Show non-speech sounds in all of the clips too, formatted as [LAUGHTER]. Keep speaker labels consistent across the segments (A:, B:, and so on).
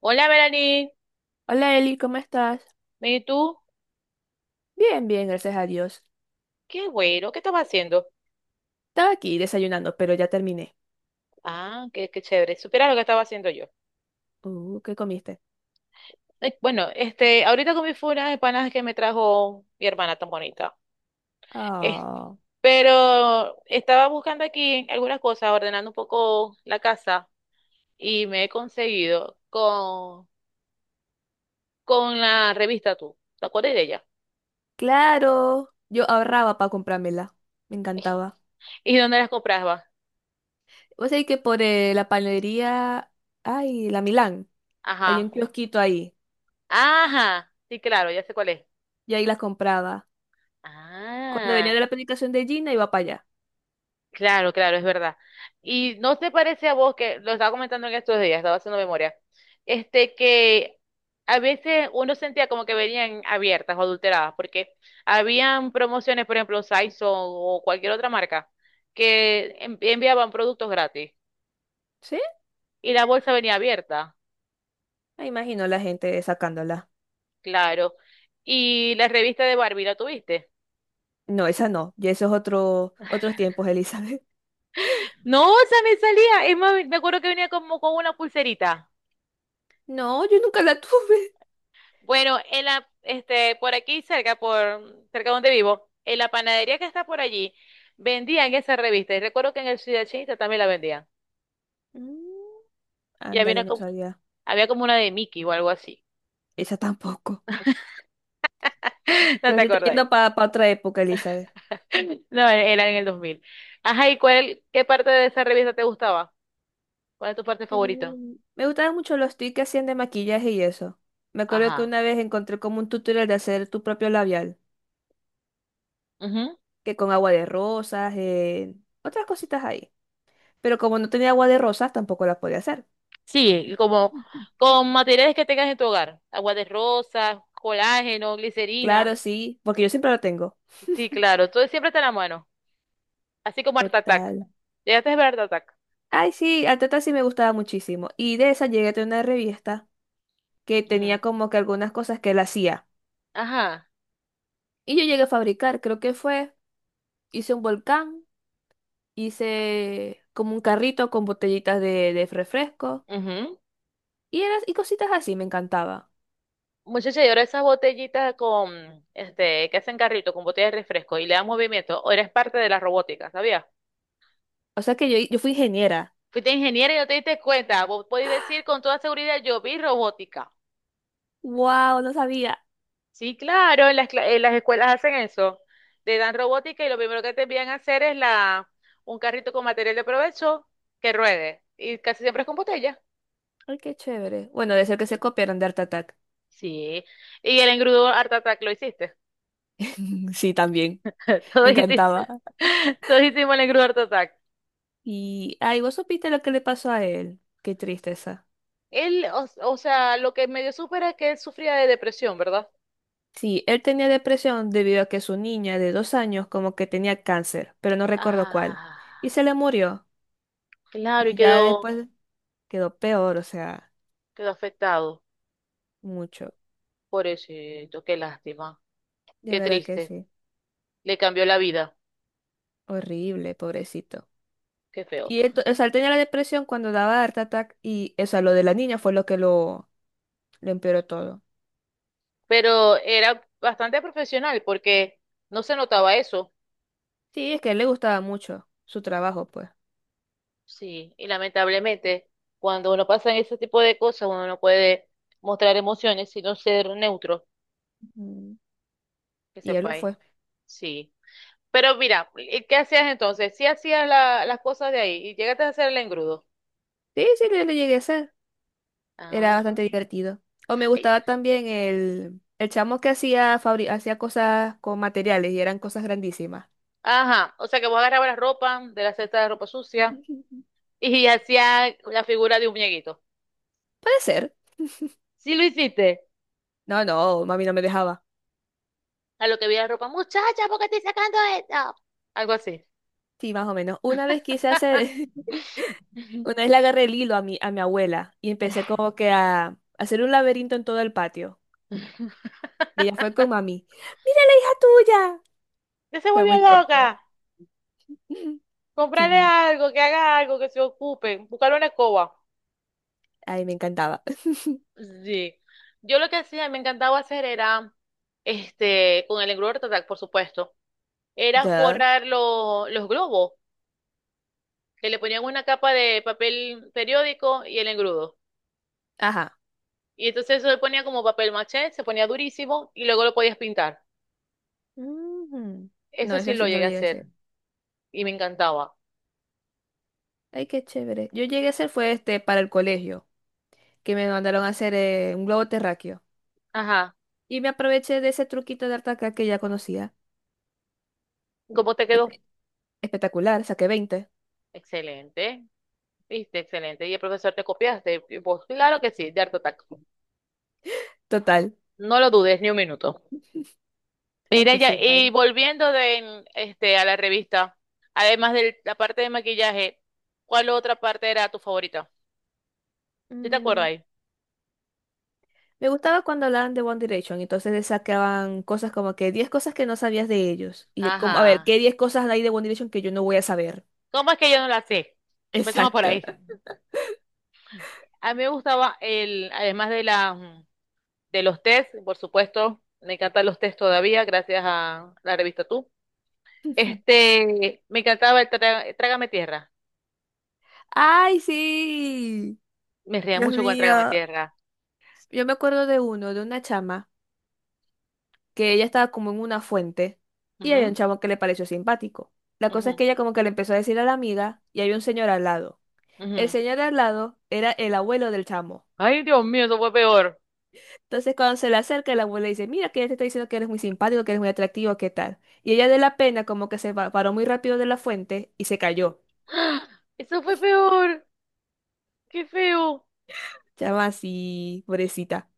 A: Hola, Melanie.
B: Hola Eli, ¿cómo estás?
A: ¿Y tú?
B: Bien, bien, gracias a Dios.
A: Qué güero, ¿qué estabas haciendo?
B: Estaba aquí desayunando, pero ya terminé.
A: Ah, qué chévere. Supieras lo que estaba haciendo yo.
B: ¿Qué comiste?
A: Bueno, este, ahorita comí fue una empanadas que me trajo mi hermana tan bonita. Es-
B: Ah,
A: pero estaba buscando aquí algunas cosas, ordenando un poco la casa y me he conseguido con la revista Tú. ¿Te acuerdas de ella?
B: claro. Yo ahorraba para comprármela. Me
A: [LAUGHS]
B: encantaba.
A: ¿Y dónde las comprabas?
B: Vos sabés que por la panadería, ay, la Milán, hay
A: Ajá.
B: un kiosquito ahí.
A: Ajá. Sí, claro, ya sé cuál es.
B: Y ahí las compraba. Cuando venía
A: Ah.
B: de la predicación de Gina, iba para allá.
A: Claro, claro, es verdad. ¿Y no te parece a vos? Que lo estaba comentando en estos días, estaba haciendo memoria, este, que a veces uno sentía como que venían abiertas o adulteradas, porque habían promociones, por ejemplo, Saison o cualquier otra marca, que enviaban productos gratis
B: ¿Sí?
A: y la bolsa venía abierta.
B: Me imagino la gente sacándola.
A: Claro. Y la revista de Barbie, ¿la tuviste?
B: No, esa no. Y esos otros tiempos, Elizabeth. [LAUGHS]
A: No, o sea, me salía, es más, me acuerdo que venía como con una pulserita.
B: No, yo nunca la tuve.
A: Bueno, este, por aquí cerca, por cerca donde vivo, en la panadería que está por allí, vendían esa revista. Y recuerdo que en el Ciudad Chinita también la vendían.
B: Mm,
A: Y había
B: Ándale,
A: una,
B: no
A: co-
B: sabía.
A: había como una de Mickey o algo así.
B: Esa tampoco.
A: [LAUGHS] ¿No
B: Ya
A: te
B: te estoy
A: acordás?
B: yendo para otra época, Elizabeth.
A: No, era en el 2000. Ajá, ¿y cuál, qué parte de esa revista te gustaba? ¿Cuál es tu parte favorita?
B: Me gustaban mucho los tips que hacían de maquillaje y eso. Me acuerdo que
A: Ajá.
B: una vez encontré como un tutorial de hacer tu propio labial,
A: Ujú.
B: que con agua de rosas, otras cositas ahí. Pero como no tenía agua de rosas, tampoco la podía hacer.
A: Sí, y como
B: Ujú.
A: con materiales que tengas en tu hogar. Agua de rosas, colágeno, glicerina.
B: Claro, sí, porque yo siempre lo tengo.
A: Sí, claro, todo siempre está en la mano. Así como Art Attack.
B: Total.
A: ¿Llegaste a ver Art Attack?
B: Ay, sí, al tata sí me gustaba muchísimo. Y de esa llegué a tener una revista que
A: Ujú.
B: tenía como que algunas cosas que él hacía.
A: Ajá.
B: Y yo llegué a fabricar, creo que fue, hice un volcán. Hice como un carrito con botellitas de refresco
A: Ujú.
B: y cositas así, me encantaba.
A: Muchacha, y ahora esas botellitas con, este, que hacen carrito, con botellas de refresco y le dan movimiento, o eres parte de la robótica, ¿sabías?
B: O sea que yo fui ingeniera.
A: Fuiste ingeniera y no te diste cuenta. Vos podés decir con toda seguridad, yo vi robótica.
B: ¡Wow! No sabía.
A: Sí, claro, en las escuelas hacen eso. Te dan robótica y lo primero que te envían a hacer es un carrito con material de provecho que ruede. Y casi siempre es con botella.
B: ¡Ay, qué chévere! Bueno, de ser que se
A: Sí.
B: copiaron de Art Attack.
A: Sí. Y el engrudo Art Attack lo hiciste.
B: [LAUGHS] Sí, también. Me
A: Todos hicimos,
B: encantaba.
A: [LAUGHS] todos hicimos el Gruber Attack.
B: Y, ay, vos supiste lo que le pasó a él. Qué tristeza.
A: Él, o sea, lo que medio supera es que él sufría de depresión, ¿verdad?
B: Sí, él tenía depresión debido a que su niña de 2 años como que tenía cáncer, pero no recuerdo cuál.
A: Ah.
B: Y se le murió.
A: Claro, y
B: Y ya
A: quedó,
B: después quedó peor, o sea,
A: quedó afectado.
B: mucho.
A: Pobrecito, qué lástima,
B: De
A: qué
B: verdad que
A: triste.
B: sí.
A: Le cambió la vida,
B: Horrible, pobrecito.
A: qué feo.
B: Y él, o sea, él tenía la depresión cuando daba Art Attack y, o sea, lo de la niña fue lo que lo empeoró todo.
A: Pero era bastante profesional porque no se notaba eso.
B: Sí, es que a él le gustaba mucho su trabajo, pues.
A: Sí, y lamentablemente cuando uno pasa en ese tipo de cosas uno no puede mostrar emociones sino ser neutro,
B: Mm.
A: que
B: Y él lo
A: sepáis.
B: fue.
A: Sí. Pero mira, ¿y qué hacías entonces? Sí hacías la- las cosas de ahí y llegaste a hacer el engrudo.
B: Sí, sí, yo lo llegué a hacer. Era bastante
A: Ah,
B: divertido. O me
A: ya.
B: gustaba también el chamo que hacía, hacía cosas con materiales y eran cosas grandísimas.
A: Ajá, o sea que vos agarrabas la ropa de la cesta de ropa
B: [LAUGHS]
A: sucia
B: Puede
A: y [LAUGHS] hacías la figura de un muñequito.
B: ser.
A: Sí lo hiciste.
B: No, no, mami no me dejaba.
A: A lo que vi la ropa, muchacha, ¿por qué estoy sacando esto? Algo así.
B: Sí, más o menos. Una vez quise hacer, [LAUGHS]
A: [LAUGHS]
B: una vez le agarré el hilo a mi abuela y empecé como que a hacer un laberinto en todo el patio. Y ella fue con mami. ¡Mira la hija tuya!
A: Ya se
B: Fue
A: volvió
B: muy cómico.
A: loca.
B: [LAUGHS]
A: Comprarle
B: Sí,
A: algo, que haga algo, que se ocupe. Buscarle una escoba.
B: ay, me encantaba. [LAUGHS]
A: Sí. Yo lo que hacía, me encantaba hacer era, este, con el engrudo total, por supuesto, era
B: Duh.
A: forrar lo- los globos, que le ponían una capa de papel periódico y el engrudo.
B: Ajá.
A: Y entonces eso le ponía como papel maché, se ponía durísimo y luego lo podías pintar.
B: Ujú. No,
A: Eso sí
B: eso
A: lo
B: sí no
A: llegué
B: lo
A: a
B: llegué a hacer.
A: hacer y me encantaba.
B: Ay, qué chévere. Yo llegué a hacer fue este para el colegio, que me mandaron a hacer un globo terráqueo.
A: Ajá.
B: Y me aproveché de ese truquito de artaca que ya conocía.
A: ¿Cómo te quedó?
B: Entonces, espectacular, saqué 20.
A: Excelente. Viste, excelente. Y el profesor te copiaste. Y vos, claro que sí, de Art Attack.
B: Total.
A: No lo dudes ni un minuto.
B: Hay
A: Mira,
B: que
A: ya,
B: sepa.
A: y volviendo este, a la revista, además de la parte de maquillaje, ¿cuál otra parte era tu favorita? ¿Sí te acuerdas ahí?
B: Me gustaba cuando hablaban de One Direction, entonces le sacaban cosas como que 10 cosas que no sabías de ellos. Y yo como, a ver,
A: Ajá.
B: ¿qué 10 cosas hay de One Direction que yo no voy a saber?
A: ¿Cómo es que yo no la sé? Empecemos por
B: Exacto.
A: ahí. A mí me gustaba además de los test, por supuesto, me encantan los test todavía, gracias a la revista Tú.
B: [LAUGHS]
A: Este, me encantaba el Trágame Tierra.
B: ¡Ay, sí!
A: Me reía
B: Dios
A: mucho con el Trágame
B: mío.
A: Tierra.
B: Yo me acuerdo de uno, de una chama, que ella estaba como en una fuente y había un
A: Ujú,
B: chamo que le pareció simpático. La cosa es
A: ujú,
B: que ella como que le empezó a decir a la amiga y había un señor al lado. El
A: ujú.
B: señor al lado era el abuelo del chamo.
A: Ay, Dios mío, eso fue peor.
B: Entonces, cuando se le acerca, la abuela le dice, mira, que ella te está diciendo que eres muy simpático, que eres muy atractivo, ¿qué tal? Y ella de la pena como que paró muy rápido de la fuente y se cayó.
A: [GASPS] ¡Ah! Eso fue peor. Qué feo.
B: Chama así, pobrecita.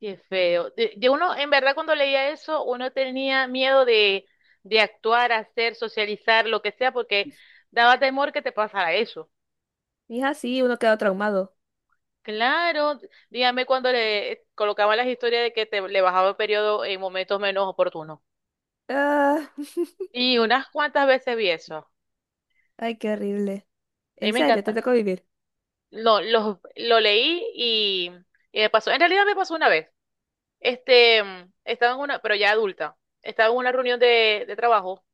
A: Qué feo. De uno, en verdad, cuando leía eso, uno tenía miedo de actuar, hacer, socializar, lo que sea, porque daba temor que te pasara eso.
B: Mija, sí, uno queda traumado.
A: Claro, dígame cuando le colocaban las historias de que te le bajaba el periodo en momentos menos oportunos.
B: Ah, [LAUGHS]
A: Y unas cuantas veces vi eso. A
B: ay, qué horrible.
A: mí
B: ¿En
A: me
B: serio? ¿Te
A: encanta.
B: tocó vivir?
A: Lo leí y me pasó. En realidad me pasó una vez. Este, estaba en una, pero ya adulta, estaba en una reunión de trabajo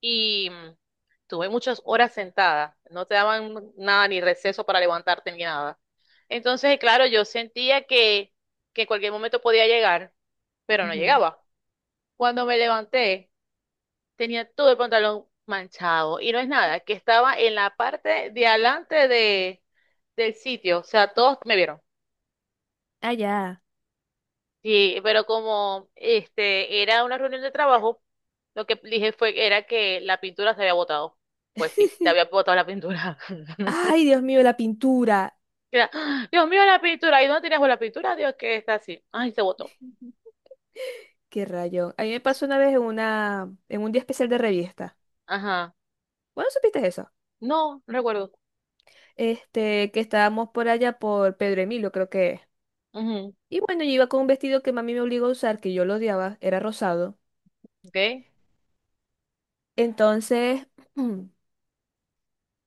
A: y tuve muchas horas sentada, no te daban nada ni receso para levantarte ni nada. Entonces, claro, yo sentía que en cualquier momento podía llegar, pero no
B: Ujú.
A: llegaba. Cuando me levanté, tenía todo el pantalón manchado y no es nada, que estaba en la parte de adelante del sitio, o sea, todos me vieron.
B: Ah, ya.
A: Sí, pero como este era una reunión de trabajo, lo que dije fue que era que la pintura se había botado. Pues sí, se había
B: [LAUGHS]
A: botado la pintura. [LAUGHS]
B: Ay, Dios mío, la pintura.
A: Era, ¡ah! Dios mío, la pintura. ¿Y dónde tenías vos la pintura? Dios, que está así. Ay, se botó.
B: Qué rayo. A mí me pasó una vez en una, en un día especial de revista.
A: Ajá.
B: Bueno, ¿supiste eso?
A: No, no recuerdo.
B: Este, que estábamos por allá por Pedro Emilio, creo que es.
A: Ujú.
B: Y bueno, yo iba con un vestido que mami me obligó a usar, que yo lo odiaba, era rosado.
A: ¿Ok?
B: Entonces, [CLEARS THROAT] mm,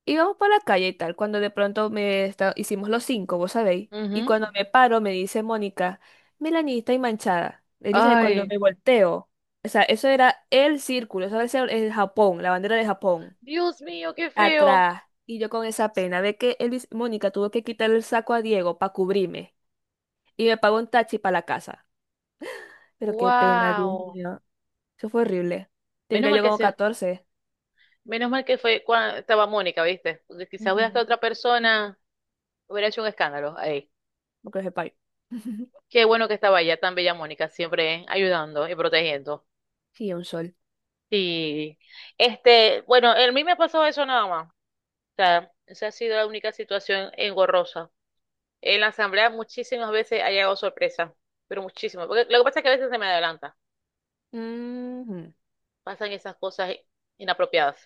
B: íbamos por la calle y tal, cuando de pronto hicimos los cinco, vos sabéis. Y
A: Ujú.
B: cuando me paro, me dice Mónica, Melanie, y manchada. Elisa, y cuando
A: Ay,
B: me volteo, o sea, eso era el círculo, eso era el Japón, la bandera de Japón,
A: Dios mío, qué feo.
B: atrás. Y yo con esa pena de que Mónica tuvo que quitar el saco a Diego para cubrirme. Y me pagó un taxi para la casa. Pero qué pena, Dios
A: Wow.
B: mío. Eso fue horrible.
A: Menos
B: Tendría
A: mal
B: yo
A: que
B: como
A: se,
B: 14.
A: menos mal que fue cuando estaba Mónica, ¿viste? Porque quizás hubiera estado
B: Ujú.
A: otra persona, hubiera hecho un escándalo.
B: Porque es payo. [LAUGHS]
A: Qué bueno que estaba allá tan bella Mónica, siempre, ¿eh?, ayudando y protegiendo.
B: Sí, un sol.
A: Y este, bueno, a mí me ha pasado eso nada más. O sea, esa ha sido la única situación engorrosa. En la asamblea muchísimas veces ha llegado sorpresa, pero muchísimas. Porque lo que pasa es que a veces se me adelanta,
B: Ujú,
A: pasan esas cosas inapropiadas.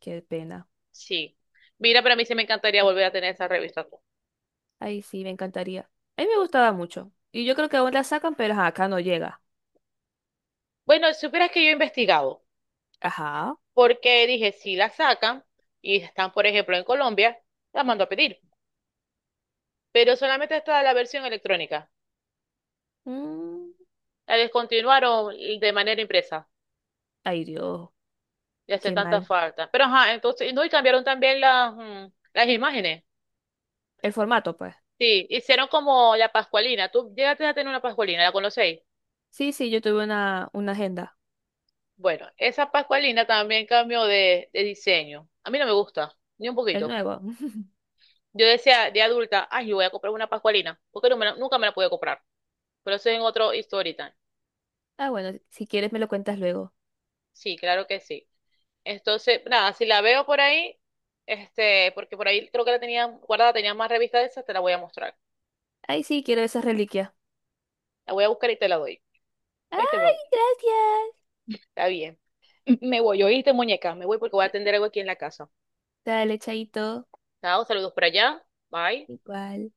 B: qué pena.
A: Sí. Mira, para mí sí me encantaría volver a tener esa revista.
B: Ay, sí, me encantaría. A mí me gustaba mucho. Y yo creo que aún la sacan, pero ajá, acá no llega.
A: Bueno, supieras que yo he investigado,
B: Ajá.
A: porque dije, si la sacan y están, por ejemplo, en Colombia, la mando a pedir. Pero solamente está la versión electrónica.
B: Mm,
A: La descontinuaron de manera impresa.
B: ay, Dios.
A: Y hace
B: Qué
A: tanta
B: mal.
A: falta. Pero ajá, entonces, no, y cambiaron también las imágenes.
B: El formato, pues.
A: Sí, hicieron como la Pascualina. Tú llegaste a tener una Pascualina, ¿la conocéis?
B: Sí, sí, yo tuve una agenda.
A: Bueno, esa Pascualina también cambió de diseño. A mí no me gusta, ni un
B: El
A: poquito.
B: nuevo. [LAUGHS]
A: Yo decía de adulta, ay, yo voy a comprar una Pascualina, porque no nunca me la pude comprar. Pero eso es en otro story time.
B: Ah, bueno, si quieres me lo cuentas luego.
A: Sí, claro que sí. Entonces, nada, si la veo por ahí, este, porque por ahí creo que la tenía guardada, tenía más revistas de esas, te la voy a mostrar.
B: Ay, sí, quiero esas reliquias.
A: La voy a buscar y te la doy. ¿Oíste, mi
B: Ay,
A: amor?
B: gracias.
A: Está bien. [LAUGHS] Me voy, ¿oíste, muñeca? Me voy porque voy a atender algo aquí en la casa.
B: Dale, chaito.
A: Chao, saludos por allá. Bye.
B: Igual.